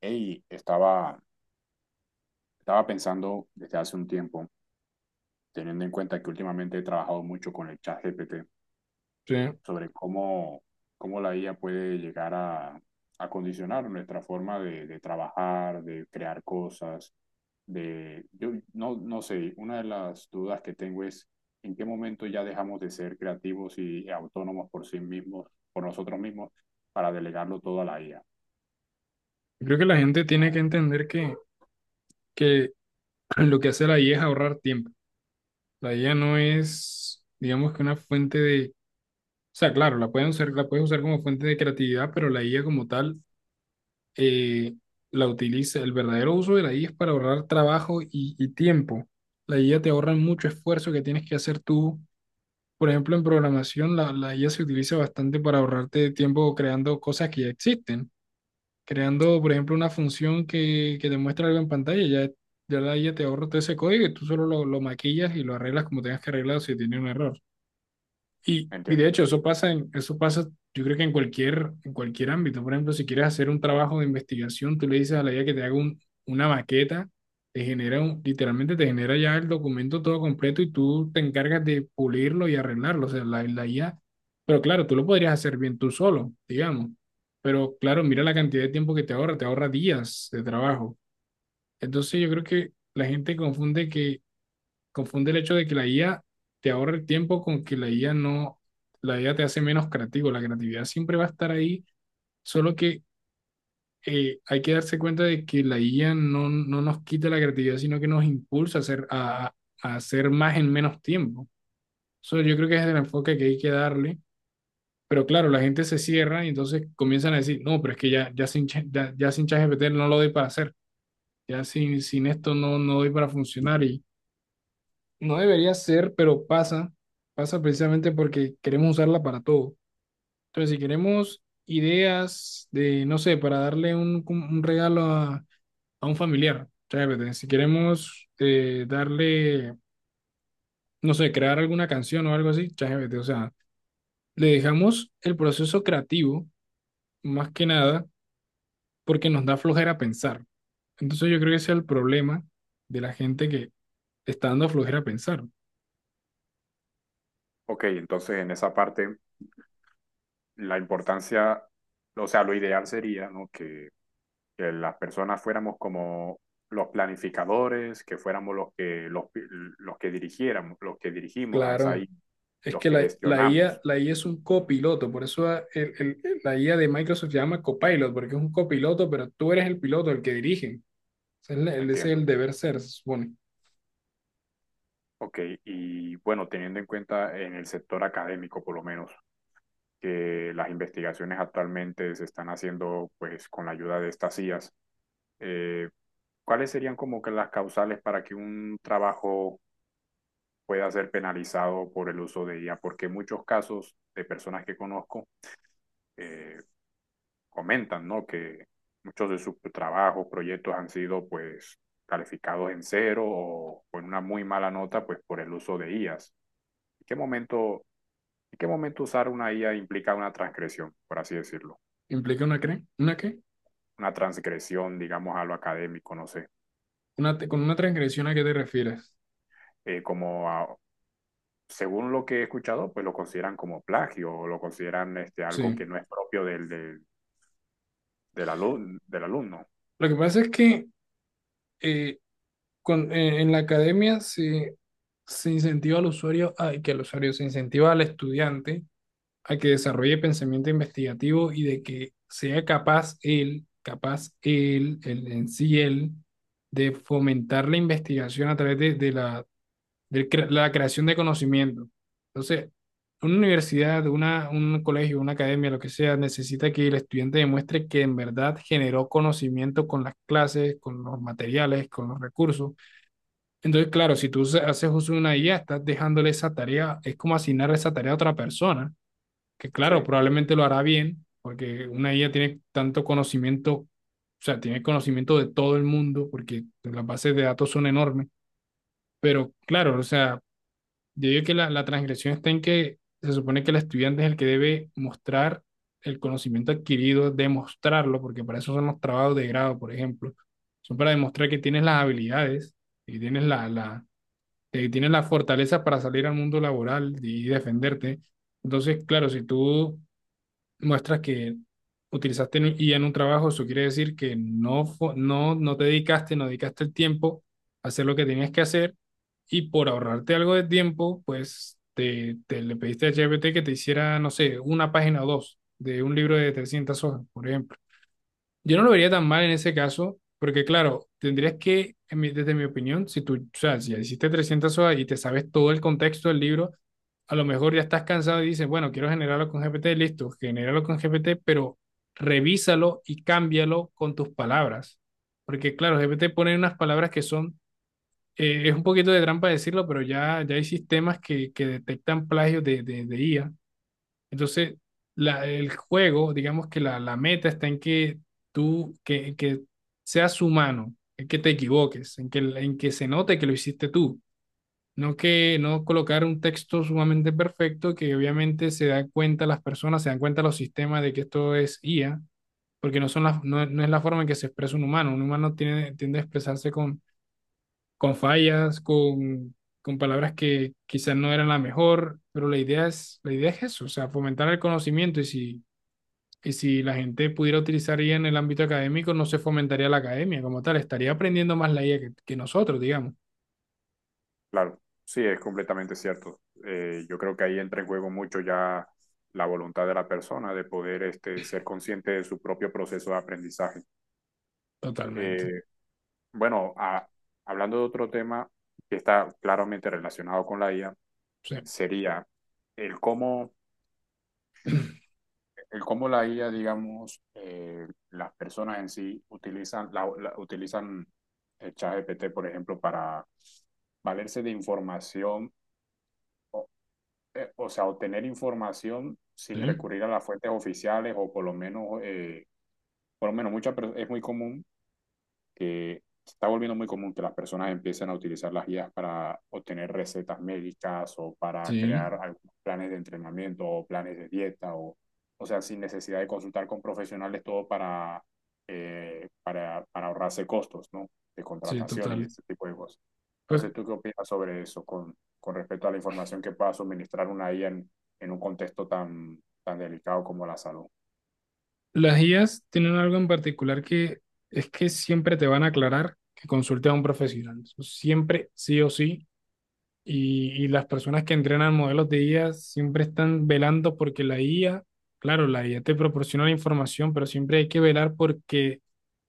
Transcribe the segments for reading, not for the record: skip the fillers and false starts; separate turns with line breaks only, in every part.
Hey, estaba pensando desde hace un tiempo, teniendo en cuenta que últimamente he trabajado mucho con el chat GPT,
Sí.
sobre cómo la IA puede llegar a condicionar nuestra forma de trabajar, de crear cosas, de... Yo no, no sé, una de las dudas que tengo es en qué momento ya dejamos de ser creativos y autónomos por sí mismos, por nosotros mismos, para delegarlo todo a la IA.
Creo que la gente tiene que entender que lo que hace la IA es ahorrar tiempo. La IA no es, digamos que una fuente de, o sea, claro, la pueden usar, la puedes usar como fuente de creatividad, pero la IA como tal eh, la utiliza. El verdadero uso de la IA es para ahorrar trabajo y tiempo. La IA te ahorra mucho esfuerzo que tienes que hacer tú. Por ejemplo, en programación, la IA se utiliza bastante para ahorrarte tiempo creando cosas que ya existen. Creando, por ejemplo, una función que te muestra algo en pantalla, ya la IA te ahorra todo ese código y tú solo lo maquillas y lo arreglas como tengas que arreglarlo si tiene un error. Y de
Entiendo.
hecho, eso pasa, yo creo que en cualquier ámbito. Por ejemplo, si quieres hacer un trabajo de investigación, tú le dices a la IA que te haga una maqueta, literalmente te genera ya el documento todo completo y tú te encargas de pulirlo y arreglarlo. O sea, la IA, pero claro, tú lo podrías hacer bien tú solo, digamos. Pero claro, mira la cantidad de tiempo que te ahorra días de trabajo. Entonces yo creo que la gente confunde el hecho de que la IA te ahorra el tiempo con que la IA no, la IA te hace menos creativo. La creatividad siempre va a estar ahí, solo que hay que darse cuenta de que la IA no nos quita la creatividad, sino que nos impulsa a hacer, a hacer más en menos tiempo. Eso yo creo que es el enfoque que hay que darle. Pero claro, la gente se cierra y entonces comienzan a decir, no, pero es que ya sin ChatGPT no lo doy para hacer, ya sin esto no doy para funcionar. No debería ser, pero pasa precisamente porque queremos usarla para todo. Entonces, si queremos ideas de, no sé, para darle un regalo a un familiar, ChatGPT. Si queremos darle, no sé, crear alguna canción o algo así, ChatGPT. O sea, le dejamos el proceso creativo, más que nada, porque nos da flojera pensar. Entonces, yo creo que ese es el problema de la gente que está dando flojera pensar.
Ok, entonces en esa parte... la importancia, o sea, lo ideal sería, ¿no? Que las personas fuéramos como los planificadores, que fuéramos los los que dirigiéramos, los que dirigimos a esa
Claro.
isla,
Es
los
que
que
la, la
gestionamos,
IA, la IA es un copiloto, por eso la IA de Microsoft se llama copilot, porque es un copiloto, pero tú eres el piloto, el que dirige. O sea, es ese es el
entiendo.
deber ser, se supone.
Ok, y bueno, teniendo en cuenta en el sector académico, por lo menos, que las investigaciones actualmente se están haciendo pues con la ayuda de estas IAS, eh, ¿cuáles serían como que las causales para que un trabajo pueda ser penalizado por el uso de IA? Porque muchos casos de personas que conozco eh, comentan, ¿no? Que muchos de sus trabajos, proyectos han sido pues calificados en cero o con una muy mala nota pues por el uso de IAs. ¿En qué momento, en qué momento usar una IA implica una transgresión, por así decirlo?
¿Implica una qué?
Una transgresión, digamos, a lo académico, no sé.
Con una transgresión a qué te refieres.
Eh, como a, según lo que he escuchado, pues lo consideran como plagio o lo consideran este, algo
Sí.
que no es propio del, del, del, alu del alumno.
Lo que pasa es que eh, en la academia se incentiva que el usuario se incentiva al estudiante a que desarrolle pensamiento investigativo y de que sea capaz él, él en sí él, de fomentar la investigación a través de la creación de conocimiento. Entonces, una universidad, un colegio, una academia, lo que sea, necesita que el estudiante demuestre que en verdad generó conocimiento con las clases, con los materiales, con los recursos. Entonces, claro, si tú haces uso de una IA, estás dejándole esa tarea, es como asignar esa tarea a otra persona que claro,
Sí,
probablemente lo hará bien, porque una IA tiene tanto conocimiento, o sea, tiene conocimiento de todo el mundo, porque las bases de datos son enormes, pero claro, o sea, yo digo que la transgresión está en que se supone que el estudiante es el que debe mostrar el conocimiento adquirido, demostrarlo, porque para eso son los trabajos de grado, por ejemplo, son para demostrar que tienes las habilidades y tienes la fortaleza para salir al mundo laboral y defenderte. Entonces, claro, si tú muestras que utilizaste IA en un trabajo, eso quiere decir que no te dedicaste, no dedicaste el tiempo a hacer lo que tenías que hacer y por ahorrarte algo de tiempo, pues te le pediste a GPT que te hiciera, no sé, una página o dos de un libro de 300 hojas, por ejemplo. Yo no lo vería tan mal en ese caso, porque claro, tendrías que, desde mi opinión, si tú, o sea, si hiciste 300 hojas y te sabes todo el contexto del libro, a lo mejor ya estás cansado y dices, bueno, quiero generarlo con GPT, listo, genéralo con GPT, pero revísalo y cámbialo con tus palabras. Porque claro, GPT pone unas palabras que son, es un poquito de trampa decirlo, pero ya hay sistemas que detectan plagios de IA. Entonces, el juego, digamos que la meta está en que tú, que seas humano, en que te equivoques, en que se note que lo hiciste tú. No que no colocar un texto sumamente perfecto que obviamente se dan cuenta las personas, se dan cuenta los sistemas de que esto es IA, porque no, no es la forma en que se expresa un humano. Un humano tiende a expresarse con, fallas, con palabras que quizás no eran la mejor, pero la idea es eso, o sea, fomentar el conocimiento y si la gente pudiera utilizar IA en el ámbito académico, no se fomentaría la academia como tal, estaría aprendiendo más la IA que nosotros, digamos.
claro, sí, es completamente cierto. Yo creo que ahí entra en juego mucho ya la voluntad de la persona de poder este, ser consciente de su propio proceso de aprendizaje.
Totalmente.
Eh, bueno, a, hablando de otro tema que está claramente relacionado con la IA,
Sí.
sería el el cómo la IA, digamos, las personas en sí utilizan el ChatGPT, por ejemplo, para valerse de información o sea, obtener información sin
Sí,
recurrir a las fuentes oficiales o por lo menos, es muy común que se está volviendo muy común que las personas empiecen a utilizar las guías para obtener recetas médicas o para
sí,
crear algunos planes de entrenamiento o planes de dieta o sea, sin necesidad de consultar con profesionales todo para ahorrarse costos, ¿no? De
sí,
contratación y
total.
ese tipo de cosas.
Pues
Entonces, ¿tú qué opinas sobre eso con respecto a la información que pueda suministrar una IA en un contexto tan, tan delicado como la salud?
las IAs tienen algo en particular que es que siempre te van a aclarar que consulte a un profesional. Siempre, sí o sí. Y las personas que entrenan modelos de IA siempre están velando porque la IA, claro, la IA te proporciona la información, pero siempre hay que velar porque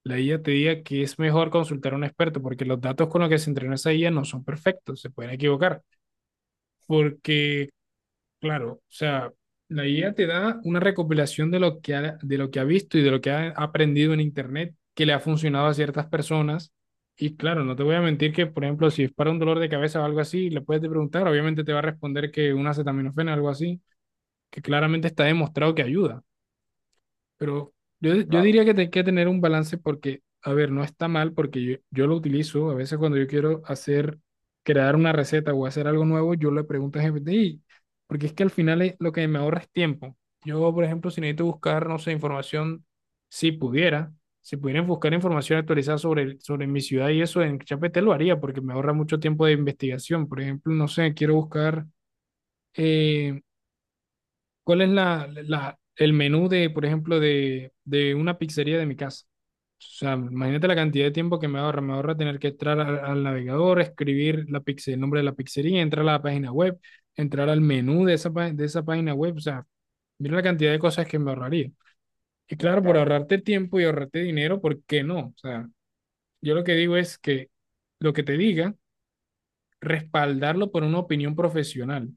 la IA te diga que es mejor consultar a un experto, porque los datos con los que se entrenó esa IA no son perfectos, se pueden equivocar. Porque Claro, o sea, la IA te da una recopilación de lo que ha visto y de lo que ha aprendido en Internet que le ha funcionado a ciertas personas. Y claro, no te voy a mentir que, por ejemplo, si es para un dolor de cabeza o algo así, le puedes preguntar, obviamente te va a responder que una acetaminofén o algo así, que claramente está demostrado que ayuda. Pero yo
Claro,
diría que hay que tener un balance porque, a ver, no está mal porque yo lo utilizo. A veces cuando yo quiero crear una receta o hacer algo nuevo, yo le pregunto a GPT, "Ey", porque es que al final lo que me ahorra es tiempo. Yo, por ejemplo, si necesito buscar, no sé, información, si pudiera, si pudieran buscar información actualizada sobre mi ciudad y eso en ChatGPT lo haría porque me ahorra mucho tiempo de investigación. Por ejemplo, no sé, quiero buscar eh, ¿cuál es el menú de, por ejemplo, de una pizzería de mi casa? O sea, imagínate la cantidad de tiempo que me ahorra. Me ahorra tener que entrar al navegador, escribir el nombre de la pizzería, entrar a la página web, entrar al menú de esa página web. O sea, mira la cantidad de cosas que me ahorraría. Y claro, por
claro.
ahorrarte tiempo y ahorrarte dinero, ¿por qué no? O sea, yo lo que digo es que lo que te diga, respaldarlo por una opinión profesional.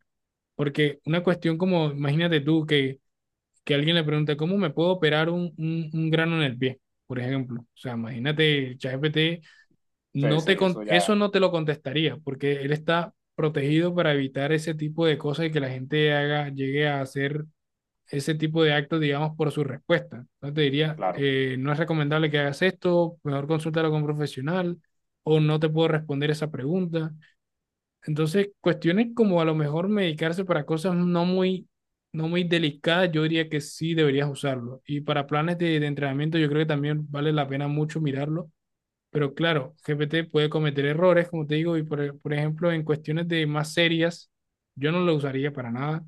Porque una cuestión como, imagínate tú que alguien le pregunte, ¿cómo me puedo operar un grano en el pie? Por ejemplo, o sea, imagínate, ChatGPT,
Sí, sí, eso
eso
ya,
no te lo contestaría, porque él está protegido para evitar ese tipo de cosas y que la gente llegue a hacer ese tipo de actos, digamos, por su respuesta. Entonces te diría,
claro,
no es recomendable que hagas esto, mejor consúltalo con un profesional, o no te puedo responder esa pregunta. Entonces, cuestiones como a lo mejor medicarse para cosas no muy delicadas, yo diría que sí deberías usarlo. Y para planes de entrenamiento, yo creo que también vale la pena mucho mirarlo. Pero claro, GPT puede cometer errores, como te digo, y por ejemplo, en cuestiones de más serias, yo no lo usaría para nada.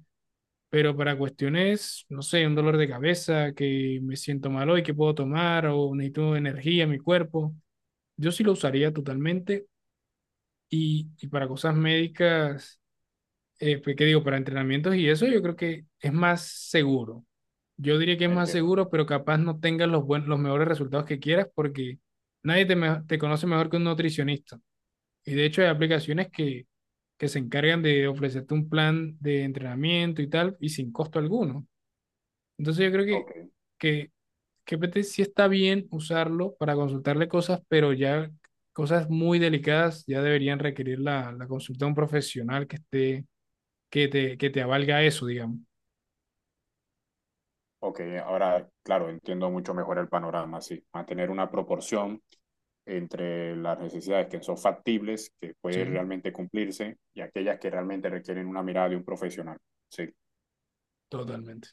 Pero para cuestiones, no sé, un dolor de cabeza, que me siento mal hoy, que puedo tomar, o necesito energía en mi cuerpo, yo sí lo usaría totalmente. Y para cosas médicas pues, ¿qué digo? Para entrenamientos y eso yo creo que es más seguro. Yo diría que es más
entiendo.
seguro, pero capaz no tengas los mejores resultados que quieras porque nadie te conoce mejor que un nutricionista. Y de hecho hay aplicaciones que se encargan de ofrecerte un plan de entrenamiento y tal y sin costo alguno. Entonces yo creo que,
Ok.
que GPT sí está bien usarlo para consultarle cosas, pero ya cosas muy delicadas ya deberían requerir la consulta de un profesional que te avalga eso, digamos.
Ok, ahora, claro, entiendo mucho mejor el panorama, sí. Mantener una proporción entre las necesidades que son factibles, que pueden
Sí,
realmente cumplirse, y aquellas que realmente requieren una mirada de un profesional. Sí.
totalmente.